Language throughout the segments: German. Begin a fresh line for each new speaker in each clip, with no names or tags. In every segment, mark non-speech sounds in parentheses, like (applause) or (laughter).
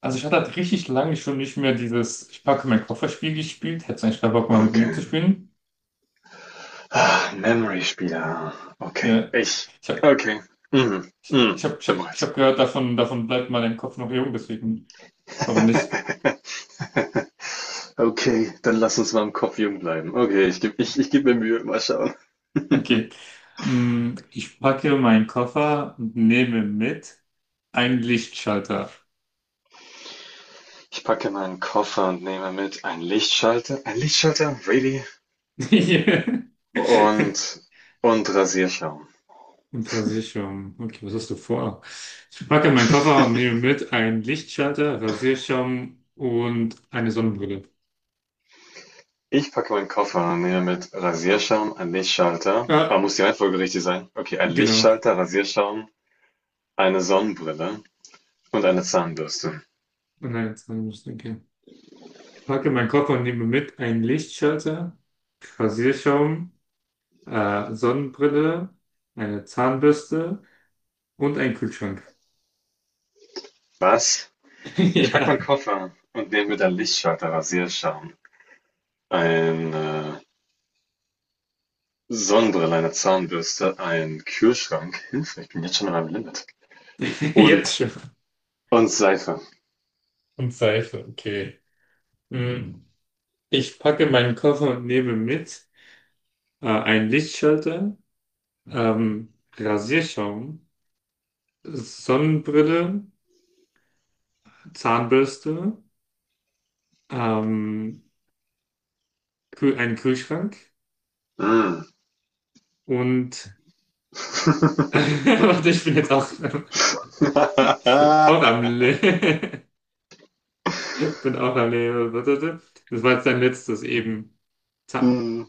Also ich hatte halt richtig lange schon nicht mehr dieses Ich packe meinen Kofferspiel gespielt. Hättest du eigentlich keinen Bock mal mit mir zu
Okay.
spielen?
Ah, memory spieler. Okay.
Ja,
Ich.
ich habe
Okay. Mhm.
ich
Mhm.
hab, ich hab,
Bin
ich
bereit.
hab gehört, davon bleibt mal dein Kopf noch jung, deswegen warum nicht?
(laughs) Okay, dann lass uns mal im Kopf jung bleiben. Okay, ich geb mir Mühe. Mal schauen.
Okay.
(laughs)
Ich packe meinen Koffer und nehme mit einen Lichtschalter.
Ich packe meinen Koffer und nehme mit einen Lichtschalter. Ein Lichtschalter? Really?
(laughs)
Und, und Rasierschaum.
Im Rasierschaum. Okay, was hast du vor? Ich packe meinen Koffer und
(laughs)
nehme mit einen Lichtschalter, Rasierschaum und eine Sonnenbrille.
Ich packe meinen Koffer und nehme mit Rasierschaum, ein Lichtschalter. Ah,
Ja,
muss die Reihenfolge richtig sein? Okay, ein
genau.
Lichtschalter, Rasierschaum, eine Sonnenbrille und eine Zahnbürste.
Nein, jetzt haben wir es, okay. Ich packe meinen Koffer und nehme mit einen Lichtschalter, Rasierschaum, Sonnenbrille, eine Zahnbürste und einen Kühlschrank.
Was?
(laughs)
Ich packe
Ja,
meinen Koffer und nehme mit dann Lichtschalter, Rasierschaum, eine Sonnenbrille, eine Zahnbürste, einen Kühlschrank. Hilfe, ich bin jetzt schon an meinem Limit.
jetzt
Und,
schon.
und Seife.
Und Seife, okay. Hm. Ich packe meinen Koffer und nehme mit einen Lichtschalter, Rasierschaum, Sonnenbrille, Zahnbürste, ähm, Kühl einen Kühlschrank
Mm.
und... (laughs) Warte, ich bin jetzt auch... Ich bin auch am
(laughs)
Leben. (laughs) Ich bin auch am Leben. Warte. Das war jetzt dein letztes eben. Za
Mm.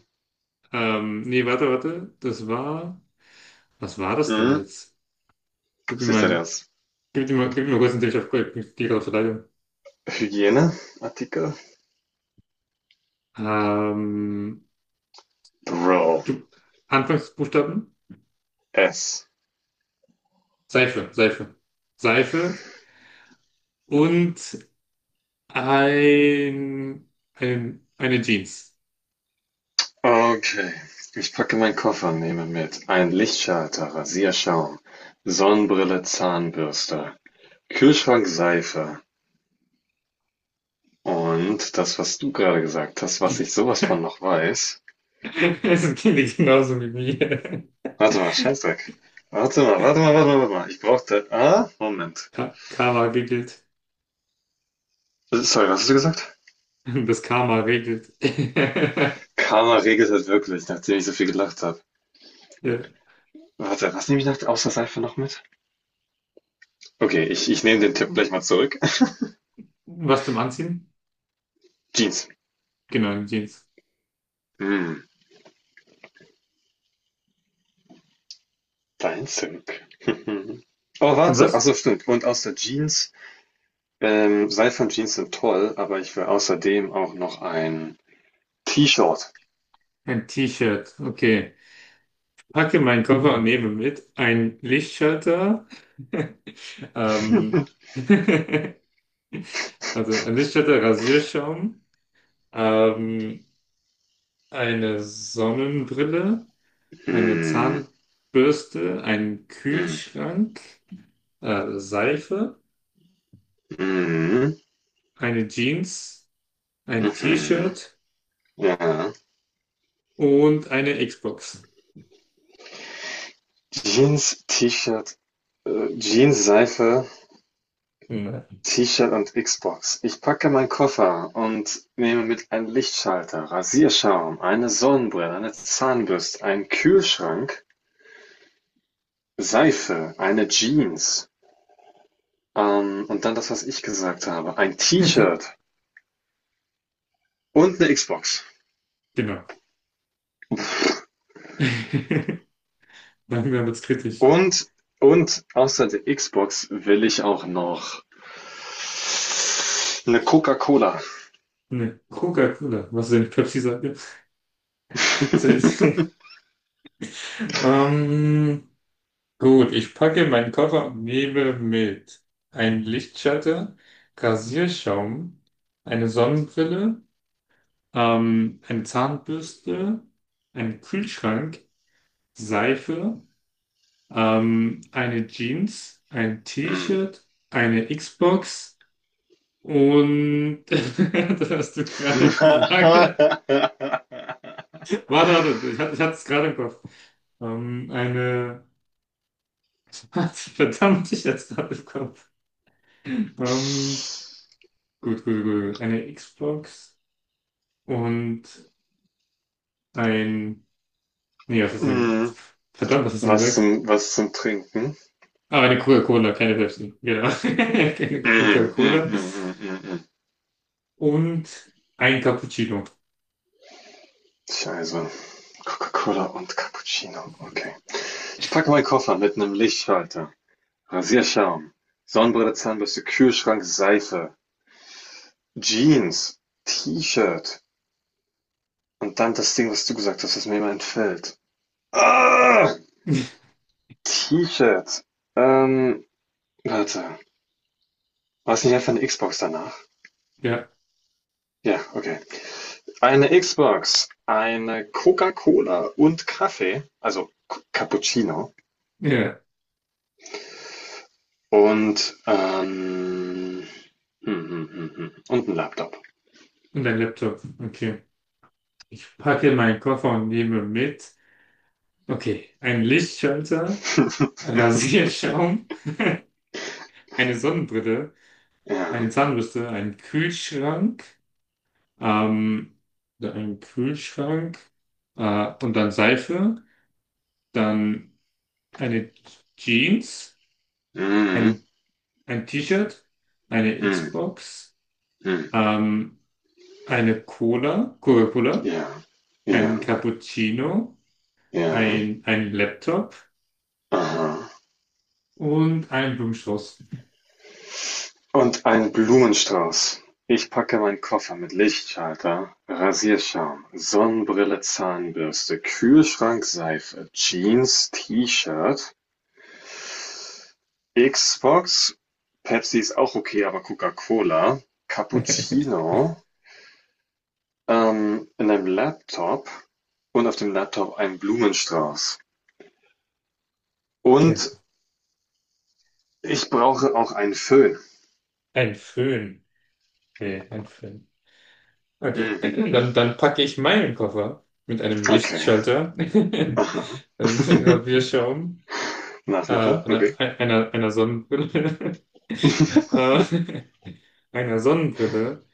nee, warte. Das war. Was war das denn
Mm.
jetzt? Gib mir
Was ist denn
mal,
ernst?
gib mir mal kurz einen Tipp. Auf bin dir gerade leider.
Hygieneartikel?
Ähm,
Bro.
gib, Anfangsbuchstaben?
S.
Seife. Seife und ein, eine Jeans.
Okay. Ich packe meinen Koffer und nehme mit einen Lichtschalter, Rasierschaum, Sonnenbrille, Zahnbürste, Kühlschrankseife. Und das, was du gerade gesagt hast, was ich
(laughs)
sowas von noch weiß,
Es klingt genauso wie mir.
warte mal, Scheißdreck. Warte mal, warte mal, warte mal, warte mal. Ich brauchte. Ah, Moment.
Ka- Karma giggelt.
Sorry, was hast du gesagt?
(laughs) Das Karma regelt. (laughs)
Karma regelt halt wirklich, nachdem ich so viel gelacht habe.
Ja.
Warte, was nehme ich nach, außer Seife noch mit? Okay, ich nehme den Tipp gleich mal zurück. (laughs)
Was zum Anziehen?
Jeans.
Genau, ein Jeans.
Hm, dein Tipp. (laughs) Oh,
Ein
warte.
was?
Achso, stimmt. Und außer Jeans. Seife und Jeans sind toll, aber ich will außerdem auch noch ein T-Shirt.
Ein T-Shirt. Okay. Packe meinen Koffer und nehme mit ein Lichtschalter. Ähm,
(laughs)
(laughs) also ein Lichtschalter, Rasierschaum, ähm, eine Sonnenbrille, eine
Mhm.
Zahnbürste, einen
Mhm.
Kühlschrank, Seife,
Mhm.
eine Jeans, ein
Mhm.
T-Shirt
Ja.
und eine Xbox.
Jeans, T-Shirt, Jeans, Seife,
Ja.
T-Shirt und Xbox. Ich packe meinen Koffer und nehme mit einen Lichtschalter, Rasierschaum, eine Sonnenbrille, eine Zahnbürste, einen Kühlschrank, Seife, eine Jeans, und dann das, was ich gesagt habe, ein T-Shirt
(laughs)
und eine Xbox.
Genau. (laughs) Langsam wird's kritisch.
Und, und außer der Xbox will ich auch noch eine Coca-Cola.
Ne, Coca-Cola. Was denn? Pepsi sagt ihr? (laughs) Selbst. Ähm, gut, ich packe meinen Koffer und nehme mit ein Lichtschalter, Rasierschaum, eine Sonnenbrille, eine Zahnbürste, einen Kühlschrank, Seife, eine Jeans, ein
Mm.
T-Shirt, eine Xbox und (laughs) das hast du gerade gesagt.
(laughs)
Warte, warte, ich hatte es gerade im Kopf. Eine. (laughs) Verdammt, ich hatte es gerade im Kopf. Ähm, gut. Eine Xbox und ein. Nee, was hast du denn?
Mm.
Verdammt, was hast du gesagt?
Was zum Trinken?
Ah, eine Coca-Cola, keine Pepsi. Genau. (laughs) Eine
Mm, mm,
Coca-Cola
mm, mm, mm, mm.
und ein Cappuccino.
Ich also Coca-Cola und Cappuccino. Okay. Ich packe meinen Koffer mit einem Lichtschalter, Rasierschaum, Sonnenbrille, Zahnbürste, Kühlschrank, Seife, Jeans, T-Shirt und dann das Ding, was du gesagt hast, was mir immer entfällt. Ah,
(laughs)
T-Shirt. Ähm, warte. War es nicht einfach eine Xbox danach?
Ja,
Ja, okay. Eine Xbox, eine Coca-Cola und Kaffee, also K Cappuccino
ja.
und, hm, hm, hm, hm. Und ein Laptop.
Und ein Laptop. Okay. Ich packe meinen Koffer und nehme mit. Okay, ein Lichtschalter,
(laughs)
Rasierschaum. Eine Sonnenbrille,
Ja.
eine Zahnbürste, einen Kühlschrank, ähm, oder einen Kühlschrank und dann Seife, dann eine Jeans,
Mhm.
ein, ein T-Shirt, eine
Mhm.
Xbox,
Mhm.
ähm, eine Cola, Coca-Cola,
Ja.
ein
Ja.
Cappuccino,
Ja.
ein Laptop
Aha.
und einen Blumenstrauß.
Und ein Blumenstrauß. Ich packe meinen Koffer mit Lichtschalter, Rasierschaum, Sonnenbrille, Zahnbürste, Kühlschrank, Seife, Jeans, T-Shirt, Xbox, Pepsi ist auch okay, aber Coca-Cola,
(laughs)
Cappuccino, in einem Laptop und auf dem Laptop ein Blumenstrauß. Und
Genau.
ich brauche auch einen Föhn.
Ein Föhn. Nee, ein Föhn. Okay,
Hm,
dann packe ich meinen Koffer mit einem
okay.
Lichtschalter, (laughs) also
Aha.
mit einem
(laughs)
Rasierschaum,
Nachmacher, okay.
einer Sonnenbrille, (laughs) äh, einer Sonnenbrille,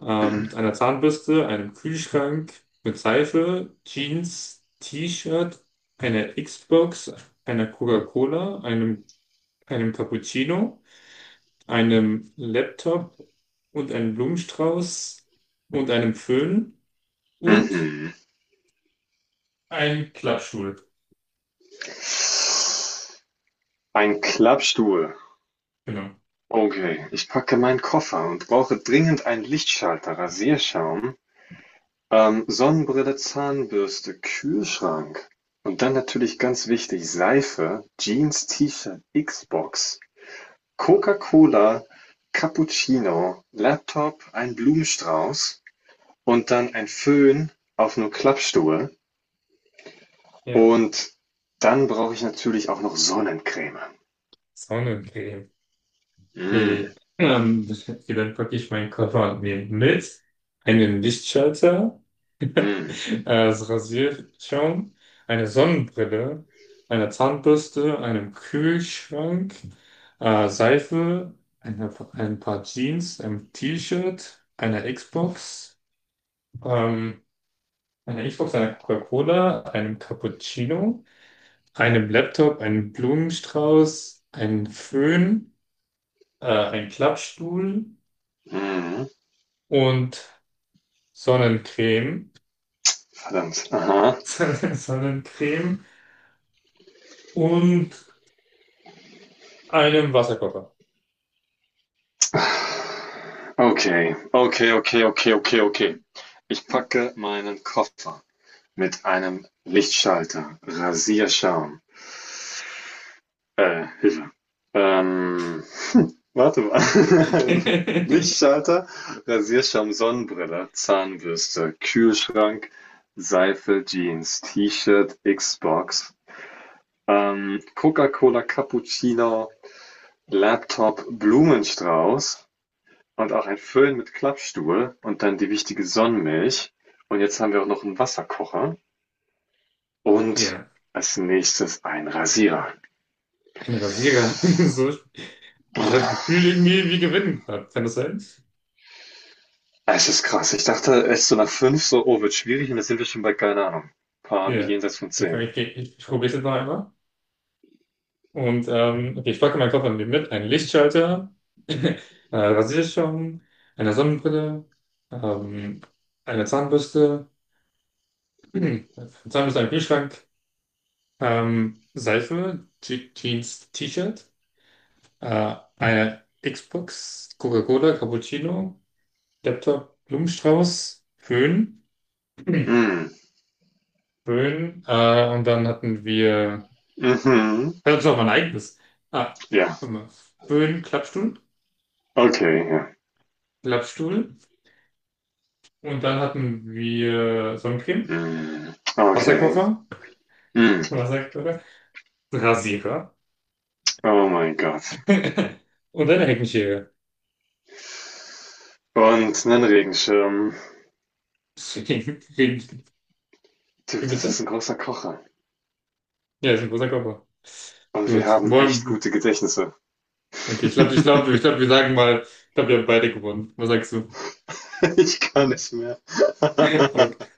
einer Zahnbürste, einem Kühlschrank mit Seife, Jeans, T-Shirt, einer Xbox, einer Coca-Cola, einem Cappuccino, einem Laptop und einem Blumenstrauß und einem Föhn und
Mhm.
ein Klappstuhl,
Ein Klappstuhl.
genau.
Okay, ich packe meinen Koffer und brauche dringend einen Lichtschalter, Rasierschaum, Sonnenbrille, Zahnbürste, Kühlschrank und dann natürlich ganz wichtig Seife, Jeans, T-Shirt, Xbox, Coca-Cola, Cappuccino, Laptop, ein Blumenstrauß und dann ein Föhn auf 'nem Klappstuhl
Ja,
und dann brauche ich natürlich auch noch Sonnencreme.
ist auch eine Creme.
Mm,
Okay. Okay, dann packe ich meinen Koffer und mit einen Lichtschalter, (laughs)
mm,
das Rasierschaum, eine Sonnenbrille, eine Zahnbürste, einen Kühlschrank, Seife, ein paar Jeans, ein T-Shirt, eine Xbox, ähm, eine Xbox, eine Coca-Cola, einem Cappuccino. Einem Laptop, einen Blumenstrauß, einen Föhn, einen Klappstuhl
mhm,
und Sonnencreme,
verdammt, aha.
(laughs) Sonnencreme und einem Wasserkocher.
Okay, okay, okay, okay, okay, okay. Ich packe meinen Koffer. Mit einem Lichtschalter, Rasierschaum, Hilfe, ähm, warte mal. (laughs)
(laughs)
Lichtschalter, Rasierschaum, Sonnenbrille, Zahnbürste, Kühlschrank, Seife, Jeans, T-Shirt, Xbox, Coca-Cola, Cappuccino, Laptop, Blumenstrauß und auch ein Föhn mit Klappstuhl und dann die wichtige Sonnenmilch. Und jetzt haben wir auch noch einen Wasserkocher und
Ja,
als nächstes ein Rasierer.
ein Rasierer. (laughs) So, ich habe das Gefühl, irgendwie, wir gewinnen gerade. Kann das sein?
Es ist krass. Ich dachte echt so nach 5, so, oh, wird schwierig und jetzt sind wir schon bei, keine Ahnung, paar
Ja.
jenseits von
Okay, komm,
10.
ich probiere es jetzt noch einmal. Und okay, ich packe meinen Koffer mit einen Lichtschalter, (laughs) äh, Rasierschaum, eine Sonnenbrille, ähm, eine Zahnbürste, (clears throat) Zahnbürste, einen Kühlschrank, Seife, Je Jeans, T-Shirt, eine Xbox, Coca-Cola, Cappuccino, Laptop, Blumenstrauß, Föhn, (clears throat)
Mm.
Föhn, und dann hatten wir,
Mhm.
das ist auch mein eigenes, ah,
Ja.
warte mal, Föhn,
Okay, ja.
Klappstuhl, und dann hatten wir Sonnencreme,
Mm. Okay.
Wasserkocher,
Mm.
Wasserkocher, Rasierer
Oh mein Gott.
(laughs) und eine Heckenschere.
Und einen Regenschirm.
Deswegen,
Dude,
wie
das ist
bitte?
ein großer Kocher.
Ja, ist ein großer Koffer.
Und wir
Gut.
haben echt
Wollen-
gute Gedächtnisse.
Okay,
(laughs)
ich glaube, wir sagen mal, ich glaube, wir haben beide gewonnen. Was sagst du?
Ich kann nicht
(laughs)
mehr. (laughs)
Okay.